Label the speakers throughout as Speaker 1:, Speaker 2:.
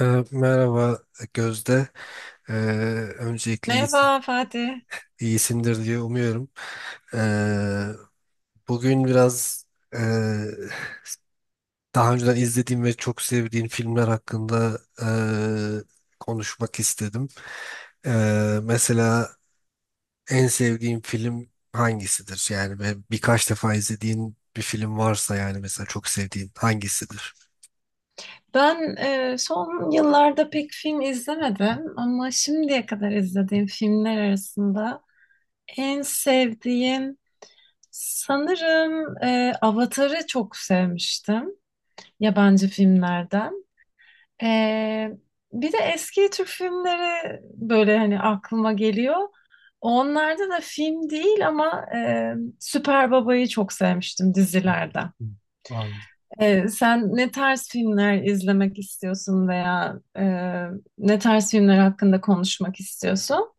Speaker 1: Merhaba Gözde. Ee, Öncelikle
Speaker 2: Merhaba Fatih.
Speaker 1: iyisindir diye umuyorum. Ee, Bugün biraz e, daha önceden izlediğim ve çok sevdiğim filmler hakkında konuşmak istedim. Mesela en sevdiğim film hangisidir? Yani ve birkaç defa izlediğin bir film varsa yani mesela çok sevdiğin hangisidir?
Speaker 2: Ben son yıllarda pek film izlemedim ama şimdiye kadar izlediğim filmler arasında en sevdiğim sanırım Avatar'ı çok sevmiştim yabancı filmlerden. E, Bir de eski Türk filmleri böyle hani aklıma geliyor. Onlarda da film değil ama Süper Baba'yı çok sevmiştim dizilerden.
Speaker 1: Hı.
Speaker 2: Sen ne tarz filmler izlemek istiyorsun veya ne tarz filmler hakkında konuşmak istiyorsun?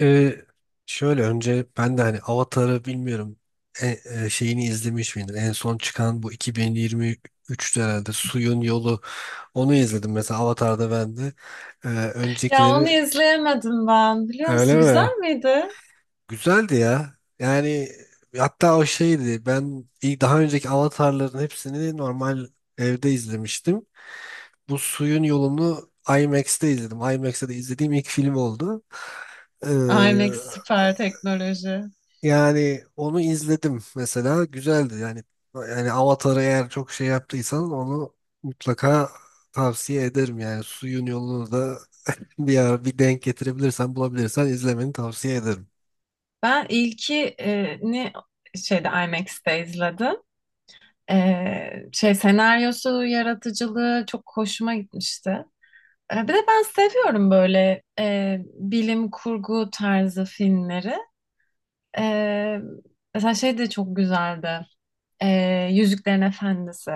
Speaker 1: Ee, Şöyle önce ben de hani Avatar'ı bilmiyorum e- şeyini izlemiş miydim? En son çıkan bu 2023'te herhalde Suyun Yolu, onu izledim mesela Avatar'da ben de.
Speaker 2: Ya onu
Speaker 1: Öncekileri
Speaker 2: izleyemedim ben, biliyor
Speaker 1: öyle
Speaker 2: musun? Güzel
Speaker 1: mi?
Speaker 2: miydi?
Speaker 1: Güzeldi ya. Yani hatta o şeydi, ben ilk daha önceki Avatar'ların hepsini normal evde izlemiştim. Bu Suyun Yolunu IMAX'te izledim. IMAX'te de izlediğim ilk film oldu.
Speaker 2: IMAX süper teknoloji.
Speaker 1: Yani onu izledim mesela, güzeldi yani. Yani Avatar'ı eğer çok şey yaptıysan onu mutlaka tavsiye ederim, yani suyun yolunu da bir ara bir denk getirebilirsen bulabilirsen izlemeni tavsiye ederim.
Speaker 2: Ben ilkini şeyde IMAX'te izledim. Şey, senaryosu, yaratıcılığı çok hoşuma gitmişti. Bir de ben seviyorum böyle bilim kurgu tarzı filmleri. Ee, Mesela şey de çok güzeldi. Yüzüklerin Efendisi.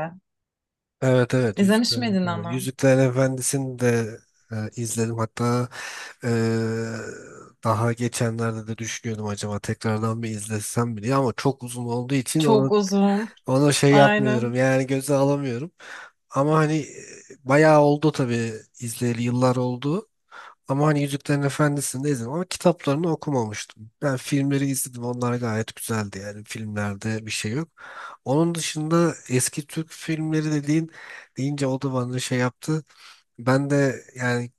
Speaker 1: Evet evet,
Speaker 2: İzlemiş
Speaker 1: Yüzüklerin
Speaker 2: miydin
Speaker 1: Efendisi.
Speaker 2: onu?
Speaker 1: Yüzüklerin Efendisi'ni de izledim, hatta e, daha geçenlerde de düşünüyordum acaba tekrardan bir izlesem mi diye, ama çok uzun olduğu için onu
Speaker 2: Çok uzun.
Speaker 1: onu şey yapmıyorum
Speaker 2: Aynen.
Speaker 1: yani, göze alamıyorum. Ama hani bayağı oldu tabii, izleyeli yıllar oldu. Ama hani Yüzüklerin Efendisi'ni de izledim ama kitaplarını okumamıştım. Ben filmleri izledim. Onlar gayet güzeldi yani. Filmlerde bir şey yok. Onun dışında eski Türk filmleri dediğin deyince o da bana şey yaptı. Ben de yani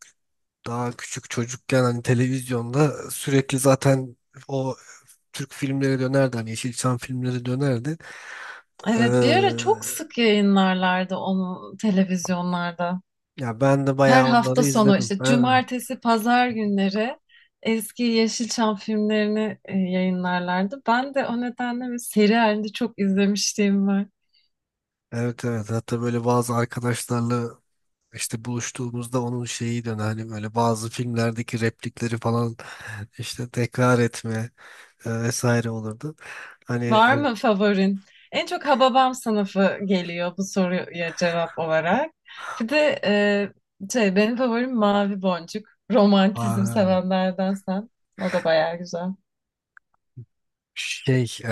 Speaker 1: daha küçük çocukken hani televizyonda sürekli zaten o Türk filmleri dönerdi. Hani Yeşilçam filmleri dönerdi. Ee,
Speaker 2: Evet, bir ara çok sık yayınlarlardı onu televizyonlarda.
Speaker 1: Ya ben de
Speaker 2: Her
Speaker 1: bayağı onları
Speaker 2: hafta sonu
Speaker 1: izledim.
Speaker 2: işte
Speaker 1: Ha.
Speaker 2: cumartesi, pazar günleri eski Yeşilçam filmlerini yayınlarlardı. Ben de o nedenle bir seri halinde çok izlemişliğim var.
Speaker 1: Evet evet, hatta böyle bazı arkadaşlarla işte buluştuğumuzda onun şeyi dön hani böyle bazı filmlerdeki replikleri falan işte tekrar etme vesaire olurdu. Hani
Speaker 2: Var mı favorin? En çok Hababam sınıfı geliyor bu soruya cevap olarak. Bir de şey, benim favorim Mavi Boncuk. Romantizm
Speaker 1: aa,
Speaker 2: sevenlerden sen. O da bayağı güzel.
Speaker 1: şey,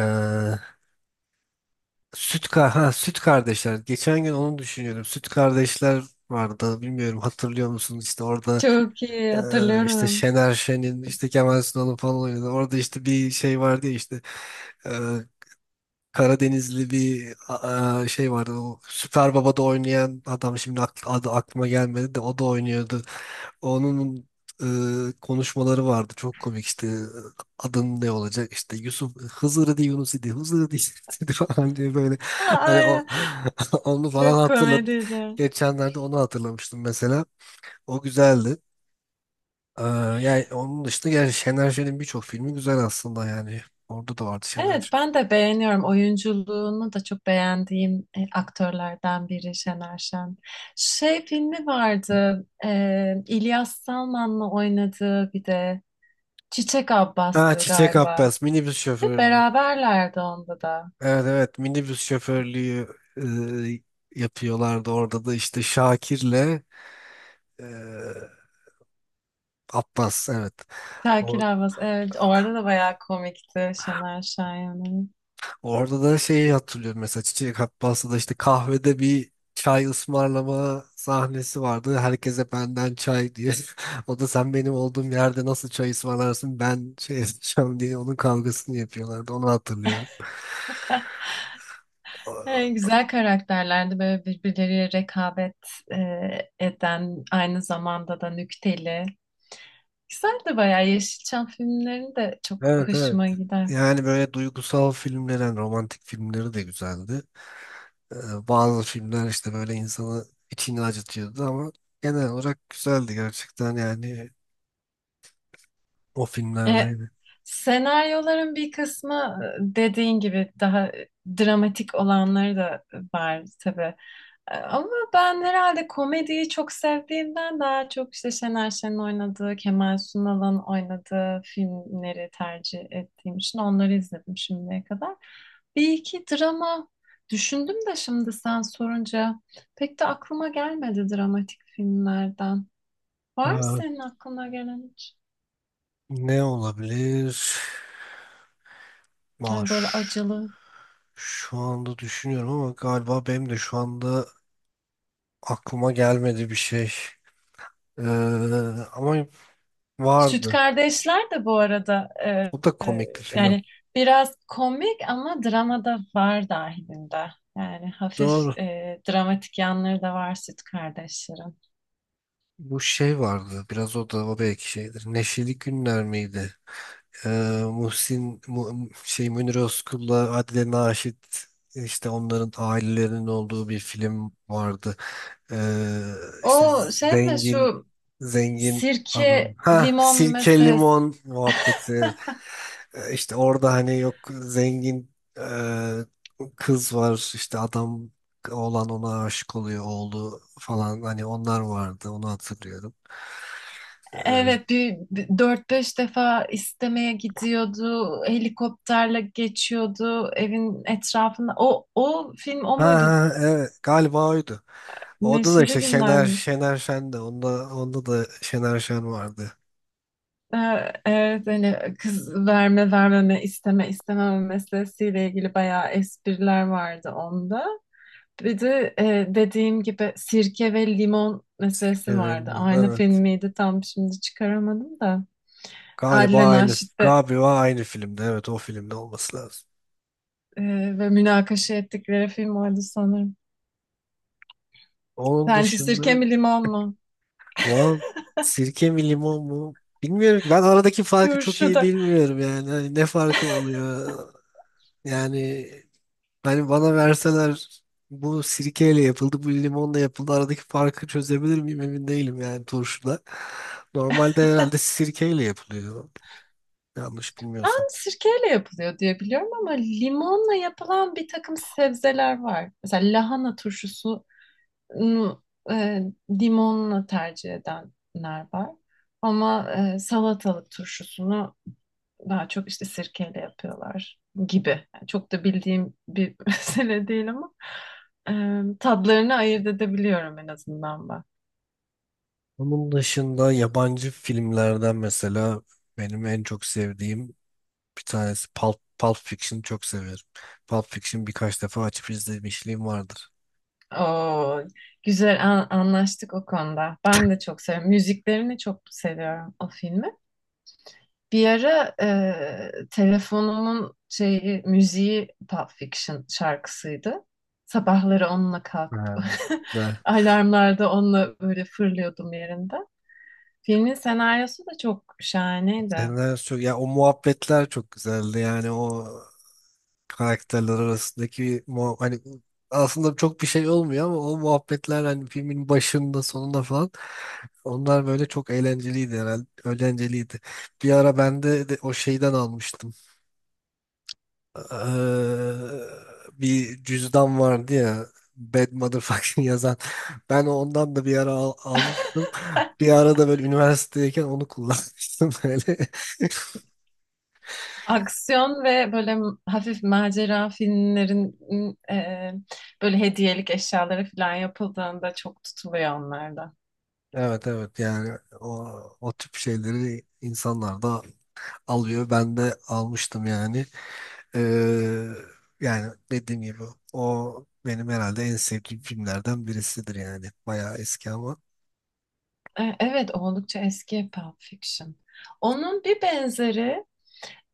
Speaker 1: süt kardeşler, geçen gün onu düşünüyorum, süt kardeşler vardı, bilmiyorum hatırlıyor musun işte orada
Speaker 2: Çok iyi
Speaker 1: e, işte
Speaker 2: hatırlıyorum.
Speaker 1: Şener Şen'in işte Kemal Sunal'ın falan oynadı, orada işte bir şey vardı ya işte e, Karadenizli a, şey vardı. O Süper Baba'da oynayan adam şimdi adı aklıma gelmedi, de o da oynuyordu. Onun konuşmaları vardı. Çok komik işte adın ne olacak işte Yusuf Hızır idi Yunus idi Hızır idi idi falan diye böyle, hani o
Speaker 2: Ay,
Speaker 1: onu falan
Speaker 2: çok
Speaker 1: hatırladım.
Speaker 2: komediydi.
Speaker 1: Geçenlerde onu hatırlamıştım mesela. O güzeldi. Ee, Yani onun dışında yani Şener Şen'in birçok filmi güzel aslında yani. Orada da vardı Şener
Speaker 2: Evet,
Speaker 1: Şen.
Speaker 2: ben de beğeniyorum. Oyunculuğunu da çok beğendiğim aktörlerden biri Şener Şen. Şey filmi vardı. İlyas Salman'la oynadığı bir de. Çiçek
Speaker 1: Ha,
Speaker 2: Abbas'tı
Speaker 1: Çiçek
Speaker 2: galiba.
Speaker 1: Abbas, minibüs
Speaker 2: Ve
Speaker 1: şoförü.
Speaker 2: beraberlerdi onda da.
Speaker 1: Evet evet, minibüs şoförlüğü yapıyorlardı orada da, işte Şakir'le e, Abbas, evet.
Speaker 2: Şakir
Speaker 1: Or-
Speaker 2: Abbas, evet orada da bayağı komikti Şener Şahin'in.
Speaker 1: Orada da şeyi hatırlıyorum mesela, Çiçek Abbas'ta da işte kahvede bir çay ısmarlama sahnesi vardı. Herkese benden çay diye. O da sen benim olduğum yerde nasıl çay ısmarlarsın, ben şey yapacağım diye onun kavgasını yapıyorlardı. Onu hatırlıyorum. Aa.
Speaker 2: Güzel karakterlerdi böyle birbirleriyle rekabet eden, aynı zamanda da nükteli. Güzeldi bayağı, Yeşilçam filmlerini de çok
Speaker 1: Evet evet.
Speaker 2: hoşuma gider.
Speaker 1: Yani böyle duygusal filmler, yani romantik filmleri de güzeldi. Bazı filmler işte böyle insanı içini acıtıyordu ama genel olarak güzeldi gerçekten yani, o
Speaker 2: E,
Speaker 1: filmlerdeydi.
Speaker 2: Senaryoların bir kısmı, dediğin gibi daha dramatik olanları da var tabii. Ama ben herhalde komediyi çok sevdiğimden daha çok işte Şener Şen'in oynadığı, Kemal Sunal'ın oynadığı filmleri tercih ettiğim için onları izledim şimdiye kadar. Bir iki drama düşündüm de şimdi sen sorunca pek de aklıma gelmedi dramatik filmlerden. Var mı
Speaker 1: Ee,
Speaker 2: senin aklına gelen hiç?
Speaker 1: Ne olabilir? Aa,
Speaker 2: Yani böyle acılı
Speaker 1: şu anda düşünüyorum ama galiba benim de şu anda aklıma gelmedi bir şey. Ee, Ama
Speaker 2: Süt
Speaker 1: vardı.
Speaker 2: Kardeşler de bu arada
Speaker 1: O da
Speaker 2: e,
Speaker 1: komik bir film.
Speaker 2: yani biraz komik ama dramada var dahilinde. Yani
Speaker 1: Doğru.
Speaker 2: hafif dramatik yanları da var Süt Kardeşlerin.
Speaker 1: Bu şey vardı. Biraz o da o belki şeydir. Neşeli Günler miydi? Ee, şey, Münir Özkul'la Adile Naşit, işte onların ailelerinin olduğu bir film vardı. Ee,
Speaker 2: O
Speaker 1: işte
Speaker 2: şey mi,
Speaker 1: zengin,
Speaker 2: şu
Speaker 1: zengin adam.
Speaker 2: sirke
Speaker 1: Ha,
Speaker 2: limon
Speaker 1: sirke
Speaker 2: meselesi?
Speaker 1: limon muhabbeti. İşte orada hani, yok zengin e, kız var, işte adam olan ona aşık oluyor oğlu falan, hani onlar vardı, onu hatırlıyorum. Ee,
Speaker 2: Evet, bir 4-5 defa istemeye gidiyordu. Helikopterle geçiyordu evin etrafında. O film o
Speaker 1: ha
Speaker 2: muydu?
Speaker 1: ha, evet galiba oydu. Orada da
Speaker 2: Neşeli
Speaker 1: işte
Speaker 2: Günler
Speaker 1: Şener
Speaker 2: mi?
Speaker 1: Şener Şen de onda da Şener Şen vardı.
Speaker 2: Evet, hani kız verme vermeme, isteme istememe meselesiyle ilgili bayağı espriler vardı onda. Bir de dediğim gibi sirke ve limon meselesi
Speaker 1: Şener
Speaker 2: vardı.
Speaker 1: Şen,
Speaker 2: Aynı film
Speaker 1: evet.
Speaker 2: miydi tam, şimdi çıkaramadım da.
Speaker 1: Galiba
Speaker 2: Adile
Speaker 1: aynı
Speaker 2: Naşit'te
Speaker 1: galiba aynı filmde. Evet o filmde olması lazım.
Speaker 2: e, ve münakaşa ettikleri film oydu sanırım.
Speaker 1: Onun
Speaker 2: Sence sirke
Speaker 1: dışında
Speaker 2: mi limon mu?
Speaker 1: wow, sirke mi limon mu? Bilmiyorum ki. Ben aradaki farkı çok
Speaker 2: Turşu
Speaker 1: iyi
Speaker 2: da.
Speaker 1: bilmiyorum yani. Hani ne farkı oluyor? Yani hani bana verseler bu sirkeyle yapıldı, bu limonla yapıldı. Aradaki farkı çözebilir miyim emin değilim yani, turşuda. Normalde herhalde sirkeyle yapılıyor. Yanlış bilmiyorsun.
Speaker 2: Ben sirkeyle yapılıyor diye biliyorum ama limonla yapılan bir takım sebzeler var. Mesela lahana turşusu limonla tercih edenler var. Ama salatalık turşusunu daha çok işte sirkeyle yapıyorlar gibi. Yani çok da bildiğim bir mesele değil ama tadlarını ayırt edebiliyorum en azından ben.
Speaker 1: Onun dışında yabancı filmlerden mesela benim en çok sevdiğim bir tanesi Pulp Fiction'ı çok severim. Pulp Fiction birkaç defa açıp izlemişliğim vardır.
Speaker 2: Oo, güzel, anlaştık o konuda. Ben de çok seviyorum. Müziklerini çok seviyorum o filmi. Bir ara telefonumun şeyi, müziği Pulp Fiction şarkısıydı. Sabahları onunla kalkıp
Speaker 1: Ha, güzel.
Speaker 2: alarmlarda onunla böyle fırlıyordum yerinde. Filmin senaryosu da çok şahaneydi.
Speaker 1: Ya o muhabbetler çok güzeldi yani, o karakterler arasındaki hani aslında çok bir şey olmuyor ama o muhabbetler, hani filmin başında sonunda falan, onlar böyle çok eğlenceliydi, herhalde eğlenceliydi. Bir ara ben de o şeyden almıştım. Eee, Bir cüzdan vardı ya, Bad Motherfucking yazan. Ben ondan da bir ara almıştım. Bir ara da böyle üniversitedeyken onu kullanmıştım böyle.
Speaker 2: Aksiyon ve böyle hafif macera filmlerin eee, böyle hediyelik eşyaları falan yapıldığında çok tutuluyor onlarda.
Speaker 1: Evet evet, yani o tip şeyleri insanlar da alıyor. Ben de almıştım yani. Eee, Yani dediğim gibi o benim herhalde en sevdiğim filmlerden birisidir yani. Bayağı eski ama.
Speaker 2: Evet, oldukça eski Pulp Fiction. Onun bir benzeri,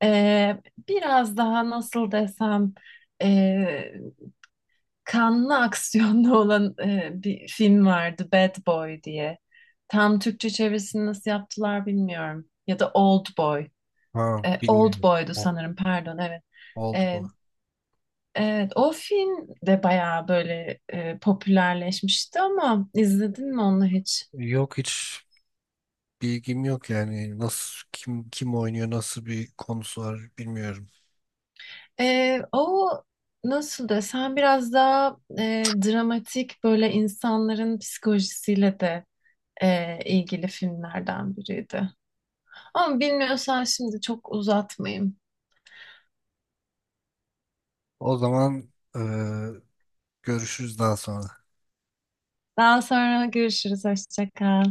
Speaker 2: e, biraz daha nasıl desem, e, kanlı aksiyonlu olan bir film vardı, Bad Boy diye. Tam Türkçe çevirisini nasıl yaptılar bilmiyorum. Ya da Old Boy.
Speaker 1: Ha,
Speaker 2: Old
Speaker 1: bilmiyorum.
Speaker 2: Boy'du
Speaker 1: O-
Speaker 2: sanırım, pardon, evet.
Speaker 1: Oldu
Speaker 2: E,
Speaker 1: bu.
Speaker 2: evet o film de bayağı böyle popülerleşmişti ama izledin mi onu hiç?
Speaker 1: Yok, hiç bilgim yok yani, nasıl kim oynuyor, nasıl bir konusu var bilmiyorum.
Speaker 2: O nasıl desem, biraz daha dramatik, böyle insanların psikolojisiyle de ilgili filmlerden biriydi. Ama bilmiyorsan şimdi çok uzatmayayım.
Speaker 1: O zaman eee, görüşürüz daha sonra.
Speaker 2: Daha sonra görüşürüz. Hoşça kal.